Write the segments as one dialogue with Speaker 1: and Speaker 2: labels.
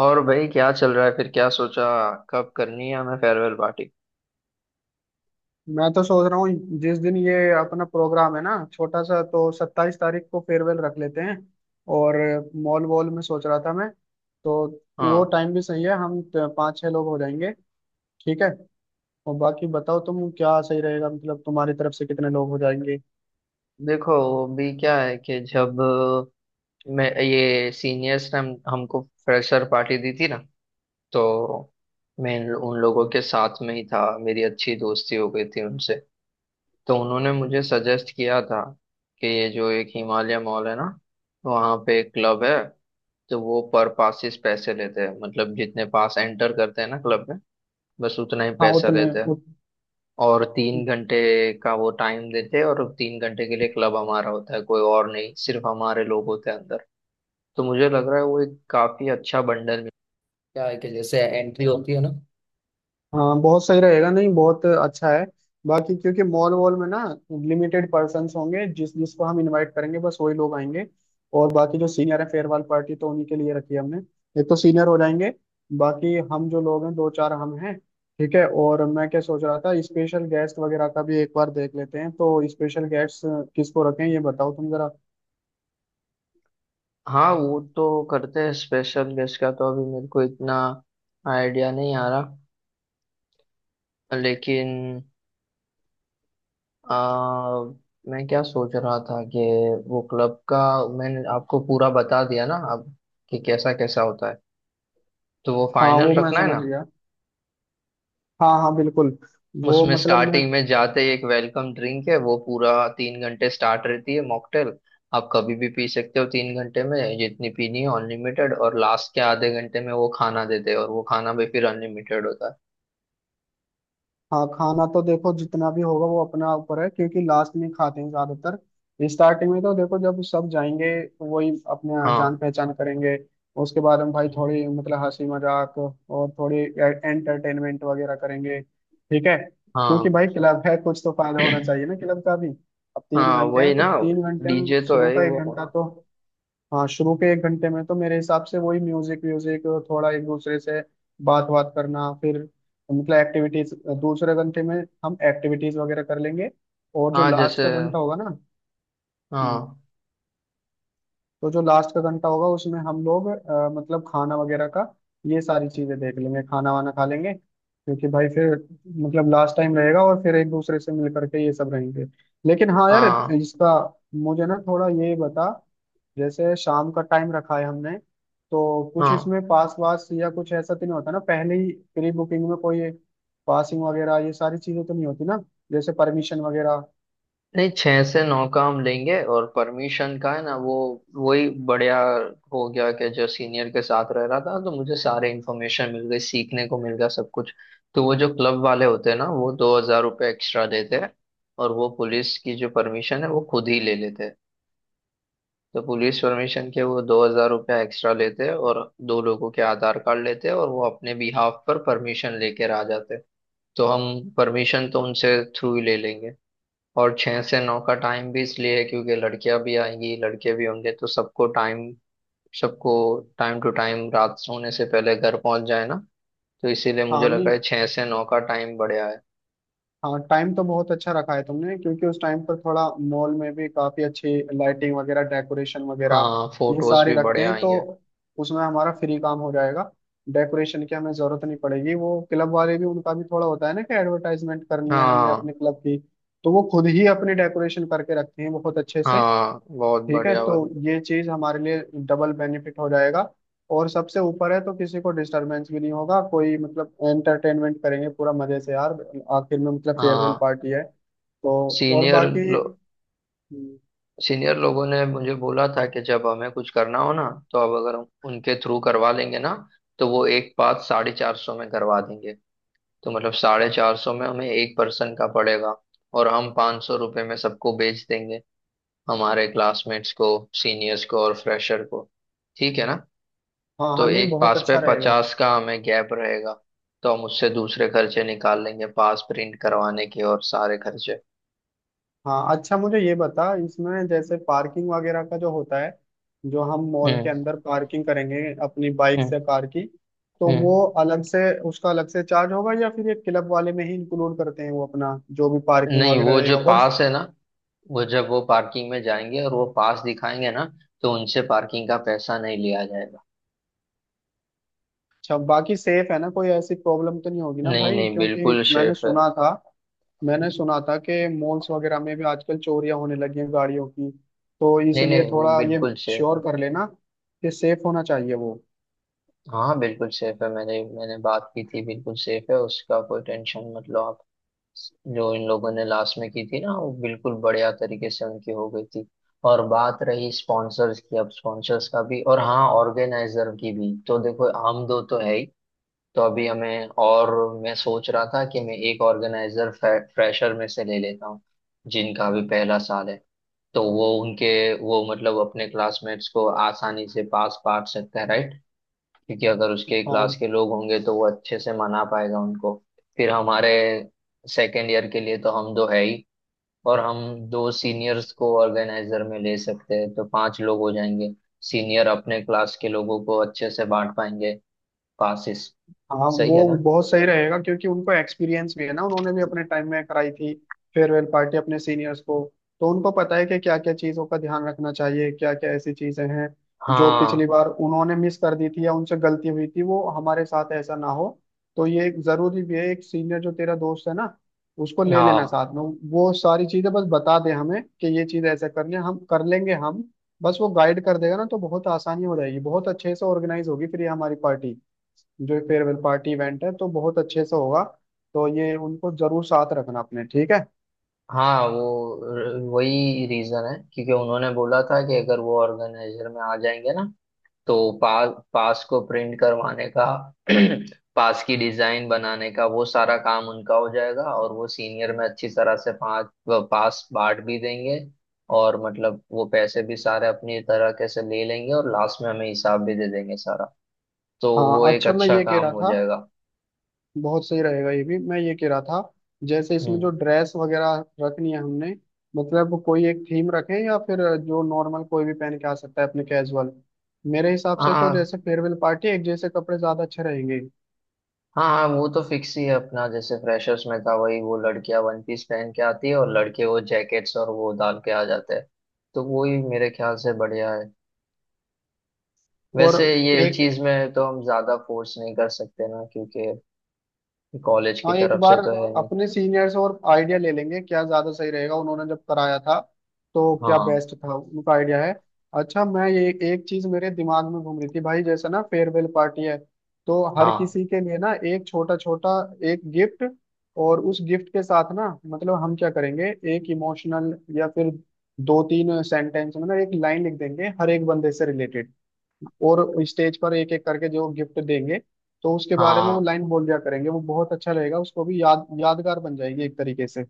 Speaker 1: और भाई, क्या चल रहा है? फिर क्या सोचा, कब करनी है हमें फेयरवेल पार्टी?
Speaker 2: मैं तो सोच रहा हूँ जिस दिन ये अपना प्रोग्राम है ना, छोटा सा, तो 27 तारीख को फेयरवेल रख लेते हैं। और मॉल वॉल में सोच रहा था मैं, तो वो
Speaker 1: हाँ,
Speaker 2: टाइम भी सही है। हम पाँच छह लोग हो जाएंगे। ठीक है। और बाकी बताओ तुम, क्या सही रहेगा, मतलब तुम्हारी तरफ से कितने लोग हो जाएंगे?
Speaker 1: देखो अभी क्या है कि जब मैं, ये सीनियर्स ने हमको फ्रेशर पार्टी दी थी ना, तो मैं उन लोगों के साथ में ही था, मेरी अच्छी दोस्ती हो गई थी उनसे। तो उन्होंने मुझे सजेस्ट किया था कि ये जो एक हिमालय मॉल है ना, वहाँ पे एक क्लब है। तो वो पर पासिस पैसे लेते हैं, मतलब जितने पास एंटर करते हैं ना क्लब में, बस उतना ही
Speaker 2: हाँ
Speaker 1: पैसा
Speaker 2: उतने
Speaker 1: लेते हैं।
Speaker 2: उत,
Speaker 1: और 3 घंटे का वो टाइम देते हैं, और 3 घंटे के लिए क्लब हमारा होता है, कोई और नहीं, सिर्फ हमारे लोग होते हैं अंदर। तो मुझे लग रहा है वो एक काफी अच्छा बंडल मिल, क्या है कि जैसे एंट्री होती है ना।
Speaker 2: हाँ बहुत सही रहेगा। नहीं बहुत अच्छा है। बाकी क्योंकि मॉल वॉल में ना लिमिटेड पर्सन्स होंगे, जिस जिसको हम इनवाइट करेंगे बस वही लोग आएंगे। और बाकी जो सीनियर है फेयरवेल पार्टी तो उन्हीं के लिए रखी है हमने। एक तो सीनियर हो जाएंगे, बाकी हम जो लोग हैं दो चार हम हैं। ठीक है। और मैं क्या सोच रहा था स्पेशल गेस्ट वगैरह का भी एक बार देख लेते हैं, तो स्पेशल गेस्ट किसको रखें ये बताओ तुम जरा।
Speaker 1: हाँ, वो तो करते हैं। स्पेशल गेस्ट का तो अभी मेरे को इतना आइडिया नहीं आ रहा। लेकिन आ, मैं क्या सोच रहा था कि वो क्लब का, मैंने आपको पूरा बता दिया ना अब कि कैसा कैसा होता है, तो वो
Speaker 2: हाँ
Speaker 1: फाइनल
Speaker 2: वो मैं
Speaker 1: रखना है
Speaker 2: समझ
Speaker 1: ना।
Speaker 2: गया। हाँ हाँ बिल्कुल। वो
Speaker 1: उसमें
Speaker 2: मतलब मैं।
Speaker 1: स्टार्टिंग में जाते ही एक वेलकम ड्रिंक है, वो पूरा 3 घंटे स्टार्ट रहती है मॉकटेल। आप कभी भी पी सकते हो, 3 घंटे में जितनी पीनी है अनलिमिटेड। और लास्ट के आधे घंटे में वो खाना देते हैं, और वो खाना भी फिर अनलिमिटेड होता है।
Speaker 2: हाँ खाना तो देखो जितना भी होगा वो अपना ऊपर है, क्योंकि लास्ट में खाते हैं ज्यादातर। स्टार्टिंग में तो देखो जब सब जाएंगे तो वही अपने
Speaker 1: हाँ।
Speaker 2: जान पहचान करेंगे। उसके बाद हम भाई
Speaker 1: हम्म।
Speaker 2: थोड़ी मतलब हंसी मजाक और थोड़ी एंटरटेनमेंट वगैरह करेंगे। ठीक है क्योंकि
Speaker 1: हाँ।
Speaker 2: भाई क्लब है, कुछ तो फायदा होना चाहिए ना क्लब का भी। अब तीन
Speaker 1: हाँ,
Speaker 2: घंटे हैं
Speaker 1: वही
Speaker 2: तो
Speaker 1: ना।
Speaker 2: 3 घंटे में
Speaker 1: डीजे तो
Speaker 2: शुरू
Speaker 1: है ही
Speaker 2: का एक
Speaker 1: वो।
Speaker 2: घंटा
Speaker 1: हाँ।
Speaker 2: तो, हाँ शुरू के 1 घंटे में तो मेरे हिसाब से वही म्यूजिक व्यूजिक, थोड़ा एक दूसरे से बात बात करना, फिर मतलब एक्टिविटीज। दूसरे घंटे में हम एक्टिविटीज वगैरह कर लेंगे। और जो
Speaker 1: हाँ, जैसे।
Speaker 2: लास्ट का घंटा होगा ना, हम्म,
Speaker 1: हाँ।
Speaker 2: तो जो लास्ट का घंटा होगा उसमें हम लोग मतलब खाना वगैरह का, ये सारी चीजें देख लेंगे, खाना वाना खा लेंगे। क्योंकि भाई फिर मतलब लास्ट टाइम रहेगा और फिर एक दूसरे से मिल करके ये सब रहेंगे। लेकिन हाँ यार,
Speaker 1: हाँ।
Speaker 2: इसका मुझे ना थोड़ा ये बता, जैसे शाम का टाइम रखा है हमने तो कुछ
Speaker 1: हाँ।
Speaker 2: इसमें पास वास या कुछ ऐसा तो नहीं होता ना, पहले ही प्री बुकिंग में कोई पासिंग वगैरह ये सारी चीजें तो नहीं होती ना, जैसे परमिशन वगैरह।
Speaker 1: नहीं, 6 से 9 का हम लेंगे। और परमिशन का है ना वो, वही बढ़िया। हो गया कि जो सीनियर के साथ रह रहा था, तो मुझे सारे इन्फॉर्मेशन मिल गई, सीखने को मिल गया सब कुछ। तो वो जो क्लब वाले होते हैं ना, वो 2000 रुपये एक्स्ट्रा देते हैं। और वो पुलिस की जो परमिशन है, वो खुद ही ले लेते हैं। तो पुलिस परमिशन के वो 2000 रुपया एक्स्ट्रा लेते हैं, और दो लोगों के आधार कार्ड लेते हैं, और वो अपने बिहाफ पर परमिशन लेकर आ जाते हैं। तो हम परमिशन तो उनसे थ्रू ही ले लेंगे। और 6 से 9 का टाइम भी इसलिए है क्योंकि लड़कियां भी आएंगी, लड़के भी होंगे, तो सबको टाइम, सबको टाइम टू टाइम रात सोने से पहले घर पहुंच जाए ना। तो इसीलिए
Speaker 2: हाँ
Speaker 1: मुझे
Speaker 2: नहीं,
Speaker 1: लगा है 6 से 9 का टाइम बढ़िया है।
Speaker 2: हाँ टाइम तो बहुत अच्छा रखा है तुमने, क्योंकि उस टाइम पर थोड़ा मॉल में भी काफी अच्छी लाइटिंग वगैरह डेकोरेशन वगैरह
Speaker 1: हाँ,
Speaker 2: ये
Speaker 1: फोटोज
Speaker 2: सारे
Speaker 1: भी
Speaker 2: रखते
Speaker 1: बढ़िया
Speaker 2: हैं, तो
Speaker 1: आएंगे।
Speaker 2: उसमें हमारा फ्री काम हो जाएगा, डेकोरेशन की हमें जरूरत नहीं पड़ेगी। वो क्लब वाले भी उनका भी थोड़ा होता है ना कि एडवर्टाइजमेंट करनी है हमने
Speaker 1: हाँ।
Speaker 2: अपने क्लब की, तो वो खुद ही अपनी डेकोरेशन करके रखते हैं बहुत अच्छे से।
Speaker 1: हाँ, बहुत
Speaker 2: ठीक है
Speaker 1: बढ़िया
Speaker 2: तो
Speaker 1: वाली।
Speaker 2: ये चीज हमारे लिए डबल बेनिफिट हो जाएगा, और सबसे ऊपर है तो किसी को डिस्टरबेंस भी नहीं होगा, कोई मतलब एंटरटेनमेंट करेंगे पूरा मजे से यार, आखिर में मतलब फेयरवेल
Speaker 1: हाँ।
Speaker 2: पार्टी है। तो और
Speaker 1: सीनियर
Speaker 2: बाकी,
Speaker 1: लो, सीनियर लोगों ने मुझे बोला था कि जब हमें कुछ करना हो ना, तो अब अगर हम उनके थ्रू करवा लेंगे ना, तो वो एक बात 450 में करवा देंगे। तो मतलब 450 में हमें एक पर्सन का पड़ेगा, और हम 500 रुपये में सबको बेच देंगे, हमारे क्लासमेट्स को, सीनियर्स को, और फ्रेशर को। ठीक है ना?
Speaker 2: हाँ हाँ
Speaker 1: तो
Speaker 2: नहीं
Speaker 1: एक
Speaker 2: बहुत
Speaker 1: पास पे
Speaker 2: अच्छा रहेगा।
Speaker 1: 50 का हमें गैप रहेगा, तो हम उससे दूसरे खर्चे निकाल लेंगे, पास प्रिंट करवाने के और सारे खर्चे।
Speaker 2: हाँ अच्छा मुझे ये बता, इसमें जैसे पार्किंग वगैरह का जो होता है, जो हम मॉल के
Speaker 1: हम्म।
Speaker 2: अंदर पार्किंग करेंगे अपनी बाइक से कार
Speaker 1: हम्म।
Speaker 2: की, तो वो
Speaker 1: हम्म।
Speaker 2: अलग से, उसका अलग से चार्ज होगा या फिर ये क्लब वाले में ही इंक्लूड करते हैं वो अपना जो भी पार्किंग
Speaker 1: नहीं,
Speaker 2: वगैरह
Speaker 1: वो जो
Speaker 2: रहेगा। और
Speaker 1: पास है ना, वो जब वो पार्किंग में जाएंगे और वो पास दिखाएंगे ना, तो उनसे पार्किंग का पैसा नहीं लिया जाएगा।
Speaker 2: अच्छा बाकी सेफ है ना, कोई ऐसी प्रॉब्लम तो नहीं होगी ना
Speaker 1: नहीं
Speaker 2: भाई,
Speaker 1: नहीं,
Speaker 2: क्योंकि
Speaker 1: बिल्कुल
Speaker 2: मैंने
Speaker 1: शेफ है।
Speaker 2: सुना था मैंने सुना था कि मॉल्स वगैरह में भी आजकल चोरियां होने लगी हैं गाड़ियों की, तो
Speaker 1: नहीं
Speaker 2: इसलिए
Speaker 1: नहीं, वो
Speaker 2: थोड़ा ये
Speaker 1: बिल्कुल सेफ
Speaker 2: श्योर
Speaker 1: है।
Speaker 2: कर लेना कि सेफ होना चाहिए वो।
Speaker 1: हाँ, बिल्कुल सेफ है, मैंने मैंने बात की थी, बिल्कुल सेफ है, उसका कोई टेंशन, मतलब आप। जो इन लोगों ने लास्ट में की थी ना, वो बिल्कुल बढ़िया तरीके से उनकी हो गई थी। और बात रही स्पॉन्सर्स की, अब स्पॉन्सर्स का भी और हाँ, ऑर्गेनाइजर की भी, तो देखो हम दो तो है ही। तो अभी हमें और, मैं सोच रहा था कि मैं एक ऑर्गेनाइजर फ्रेशर में से ले लेता हूँ, जिनका अभी पहला साल है। तो वो उनके, वो मतलब अपने क्लासमेट्स को आसानी से पास बांट सकता है, राइट? क्योंकि अगर उसके
Speaker 2: हाँ
Speaker 1: क्लास के लोग होंगे, तो वो अच्छे से मना पाएगा उनको। फिर हमारे सेकेंड ईयर के लिए तो हम दो है ही, और हम दो सीनियर्स को ऑर्गेनाइजर में ले सकते हैं, तो पांच लोग हो जाएंगे। सीनियर अपने क्लास के लोगों को अच्छे से बांट पाएंगे पासिस।
Speaker 2: हाँ,
Speaker 1: सही है
Speaker 2: वो
Speaker 1: ना?
Speaker 2: बहुत सही रहेगा क्योंकि उनको एक्सपीरियंस भी है ना, उन्होंने भी अपने टाइम में कराई थी फेयरवेल पार्टी अपने सीनियर्स को, तो उनको पता है कि क्या क्या चीज़ों का ध्यान रखना चाहिए, क्या क्या ऐसी चीज़ें हैं जो पिछली
Speaker 1: हाँ।
Speaker 2: बार उन्होंने मिस कर दी थी या उनसे गलती हुई थी, वो हमारे साथ ऐसा ना हो। तो ये एक जरूरी भी है, एक सीनियर जो तेरा दोस्त है ना उसको ले लेना
Speaker 1: हाँ,
Speaker 2: साथ में, वो सारी चीज़ें बस बता दे हमें कि ये चीज़ ऐसा करनी है हम कर लेंगे हम, बस वो गाइड कर देगा ना तो बहुत आसानी हो जाएगी, बहुत अच्छे से ऑर्गेनाइज होगी फिर ये हमारी पार्टी, जो फेयरवेल पार्टी इवेंट है तो बहुत अच्छे से होगा। तो ये उनको जरूर साथ रखना अपने, ठीक है।
Speaker 1: हाँ वो वही रीजन है, क्योंकि उन्होंने बोला था कि अगर वो ऑर्गेनाइजर में आ जाएंगे ना, तो पास पास को प्रिंट करवाने का, पास की डिजाइन बनाने का, वो सारा काम उनका हो जाएगा। और वो सीनियर में अच्छी तरह से पास पास बांट भी देंगे। और मतलब वो पैसे भी सारे अपनी तरह के से ले लेंगे, और लास्ट में हमें हिसाब भी दे देंगे सारा। तो वो
Speaker 2: हाँ
Speaker 1: एक
Speaker 2: अच्छा मैं
Speaker 1: अच्छा
Speaker 2: ये कह
Speaker 1: काम
Speaker 2: रहा
Speaker 1: हो
Speaker 2: था,
Speaker 1: जाएगा।
Speaker 2: बहुत सही रहेगा ये भी। मैं ये कह रहा था जैसे इसमें जो
Speaker 1: हम्म।
Speaker 2: ड्रेस वगैरह रखनी है हमने, मतलब कोई एक थीम रखें या फिर जो नॉर्मल कोई भी पहन के आ सकता है अपने कैजुअल। मेरे हिसाब से तो
Speaker 1: हाँ
Speaker 2: जैसे फेयरवेल पार्टी एक जैसे कपड़े ज्यादा अच्छे रहेंगे।
Speaker 1: हाँ। हाँ, वो तो फिक्स ही है अपना, जैसे फ्रेशर्स में था वही, वो लड़कियां वन पीस पहन के आती है, और लड़के वो जैकेट्स और वो डाल के आ जाते हैं। तो वो ही मेरे ख्याल से बढ़िया है।
Speaker 2: और
Speaker 1: वैसे ये
Speaker 2: एक,
Speaker 1: चीज में तो हम ज्यादा फोर्स नहीं कर सकते ना, क्योंकि कॉलेज की
Speaker 2: हाँ एक
Speaker 1: तरफ से
Speaker 2: बार
Speaker 1: तो है नहीं।
Speaker 2: अपने सीनियर से और आइडिया ले लेंगे क्या ज्यादा सही रहेगा, उन्होंने जब कराया था तो क्या
Speaker 1: हाँ।
Speaker 2: बेस्ट था उनका आइडिया है। अच्छा मैं ये एक चीज मेरे दिमाग में घूम रही थी भाई, जैसे ना फेयरवेल पार्टी है तो हर
Speaker 1: हाँ।
Speaker 2: किसी के लिए ना एक छोटा छोटा एक गिफ्ट, और उस गिफ्ट के साथ ना मतलब हम क्या करेंगे, एक इमोशनल या फिर दो तीन सेंटेंस में ना एक लाइन लिख देंगे हर एक बंदे से रिलेटेड, और स्टेज पर एक एक करके जो गिफ्ट देंगे तो उसके बारे में वो
Speaker 1: हाँ।
Speaker 2: लाइन बोल दिया करेंगे, वो बहुत अच्छा रहेगा उसको भी यादगार बन जाएगी एक तरीके से।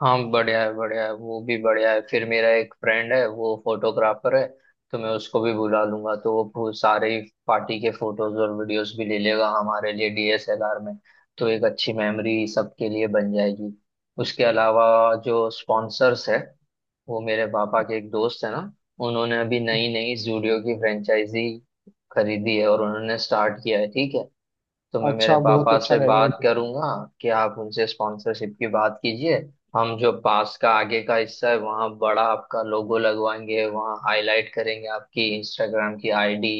Speaker 1: हाँ, बढ़िया है, बढ़िया है, वो भी बढ़िया है। फिर मेरा एक फ्रेंड है, वो फोटोग्राफर है, तो मैं उसको भी बुला लूंगा, तो वो सारे ही पार्टी के फोटोज और वीडियोस भी ले लेगा हमारे लिए डीएसएलआर में। तो एक अच्छी मेमोरी सबके लिए बन जाएगी। उसके अलावा जो स्पॉन्सर्स है, वो मेरे पापा के एक दोस्त है ना, उन्होंने अभी नई नई जूडियो की फ्रेंचाइजी खरीदी है, और उन्होंने स्टार्ट किया है, ठीक है। तो मैं मेरे
Speaker 2: अच्छा बहुत
Speaker 1: पापा
Speaker 2: अच्छा
Speaker 1: से
Speaker 2: रहेगा ये
Speaker 1: बात
Speaker 2: तो।
Speaker 1: करूंगा कि आप उनसे स्पॉन्सरशिप की बात कीजिए। हम जो पास का आगे का हिस्सा है, वहाँ बड़ा आपका लोगो लगवाएंगे, वहाँ हाईलाइट करेंगे आपकी इंस्टाग्राम की आईडी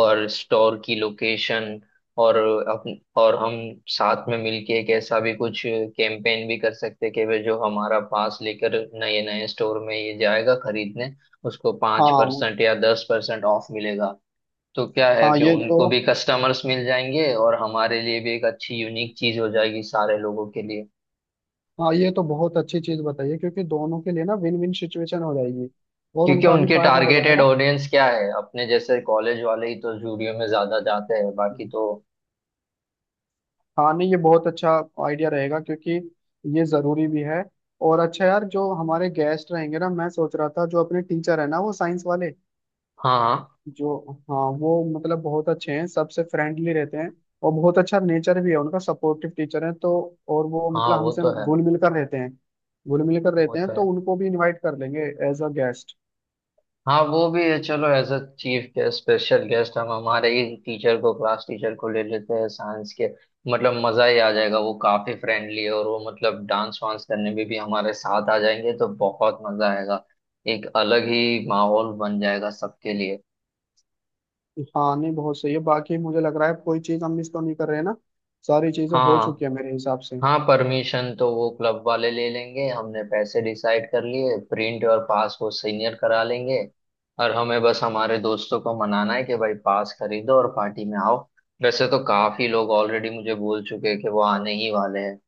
Speaker 1: और स्टोर की लोकेशन। और और हम साथ में मिलके एक ऐसा भी कुछ कैंपेन भी कर सकते हैं कि वे जो हमारा पास लेकर नए नए स्टोर में ये जाएगा खरीदने, उसको पाँच
Speaker 2: हाँ
Speaker 1: परसेंट या 10% ऑफ मिलेगा। तो क्या है
Speaker 2: हाँ
Speaker 1: कि
Speaker 2: ये तो,
Speaker 1: उनको भी कस्टमर्स मिल जाएंगे, और हमारे लिए भी एक अच्छी यूनिक चीज हो जाएगी सारे लोगों के लिए।
Speaker 2: हाँ ये तो बहुत अच्छी चीज बताइए, क्योंकि दोनों के लिए ना विन विन सिचुएशन हो जाएगी और
Speaker 1: क्योंकि
Speaker 2: उनका भी
Speaker 1: उनके
Speaker 2: फायदा हो
Speaker 1: टारगेटेड
Speaker 2: जाएगा।
Speaker 1: ऑडियंस क्या है? अपने जैसे कॉलेज वाले ही तो स्टूडियो में ज्यादा जाते हैं, बाकी तो।
Speaker 2: हाँ नहीं ये बहुत अच्छा आइडिया रहेगा, क्योंकि ये जरूरी भी है। और अच्छा यार जो हमारे गेस्ट रहेंगे ना, मैं सोच रहा था जो अपने टीचर है ना वो साइंस वाले,
Speaker 1: हाँ।
Speaker 2: जो, हाँ वो मतलब बहुत अच्छे हैं, सबसे फ्रेंडली रहते हैं और बहुत अच्छा नेचर भी है उनका, सपोर्टिव टीचर है तो। और वो
Speaker 1: हाँ,
Speaker 2: मतलब
Speaker 1: वो
Speaker 2: हमसे
Speaker 1: तो है।
Speaker 2: घुल मिल कर रहते हैं, घुल मिल कर
Speaker 1: वो
Speaker 2: रहते हैं
Speaker 1: तो
Speaker 2: तो
Speaker 1: है।
Speaker 2: उनको भी इनवाइट कर लेंगे एज अ गेस्ट।
Speaker 1: हाँ, वो भी है। चलो, as a chief guest special guest हम हमारे ही टीचर को, क्लास टीचर को ले लेते हैं, साइंस के। मतलब मजा ही आ जाएगा, वो काफी फ्रेंडली है, और वो मतलब डांस वांस करने में भी हमारे साथ आ जाएंगे, तो बहुत मजा आएगा, एक अलग ही माहौल बन जाएगा सबके लिए।
Speaker 2: हाँ नहीं बहुत सही है, बाकी मुझे लग रहा है कोई चीज हम मिस तो नहीं कर रहे हैं ना, सारी चीजें हो चुकी
Speaker 1: हाँ।
Speaker 2: है मेरे हिसाब से।
Speaker 1: हाँ, परमिशन तो वो क्लब वाले ले लेंगे, हमने पैसे डिसाइड कर लिए, प्रिंट और पास वो सीनियर करा लेंगे। और हमें बस हमारे दोस्तों को मनाना है कि भाई, पास खरीदो और पार्टी में आओ। वैसे तो काफी लोग ऑलरेडी मुझे बोल चुके हैं कि वो आने ही वाले हैं।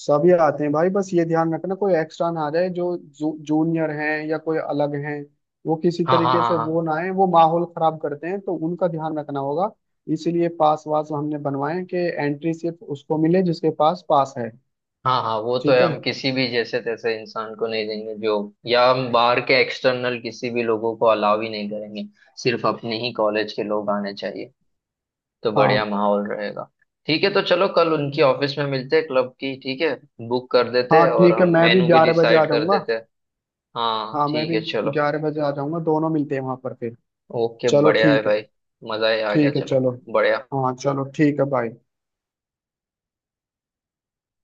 Speaker 2: सभी आते हैं भाई बस ये ध्यान रखना कोई एक्स्ट्रा ना आ जाए, जो जूनियर हैं या कोई अलग हैं, वो किसी
Speaker 1: हाँ। हाँ।
Speaker 2: तरीके
Speaker 1: हाँ।
Speaker 2: से
Speaker 1: हाँ।
Speaker 2: वो ना आए, वो माहौल खराब करते हैं तो उनका ध्यान रखना होगा। इसीलिए पास वास हमने बनवाए कि एंट्री सिर्फ उसको मिले जिसके पास पास है,
Speaker 1: हाँ। हाँ, वो तो
Speaker 2: ठीक
Speaker 1: है।
Speaker 2: है।
Speaker 1: हम किसी भी जैसे तैसे इंसान को नहीं देंगे जो, या हम बाहर के एक्सटर्नल किसी भी लोगों को अलाउ ही नहीं करेंगे। सिर्फ अपने ही कॉलेज के लोग आने चाहिए, तो
Speaker 2: हाँ
Speaker 1: बढ़िया माहौल रहेगा। ठीक है, तो चलो कल उनकी ऑफिस में मिलते हैं, क्लब की, ठीक है, बुक कर देते
Speaker 2: हाँ
Speaker 1: हैं, और
Speaker 2: ठीक है,
Speaker 1: हम
Speaker 2: मैं भी
Speaker 1: मेनू भी
Speaker 2: 11 बजे आ
Speaker 1: डिसाइड कर
Speaker 2: जाऊंगा।
Speaker 1: देते हैं। हाँ,
Speaker 2: हाँ मैं
Speaker 1: ठीक
Speaker 2: भी
Speaker 1: है, चलो।
Speaker 2: 11 बजे आ जाऊंगा, दोनों मिलते हैं वहां पर फिर।
Speaker 1: ओके,
Speaker 2: चलो
Speaker 1: बढ़िया है
Speaker 2: ठीक है।
Speaker 1: भाई, मजा ही आ गया,
Speaker 2: ठीक है
Speaker 1: चलो।
Speaker 2: चलो।
Speaker 1: बढ़िया।
Speaker 2: हाँ चलो ठीक है बाय।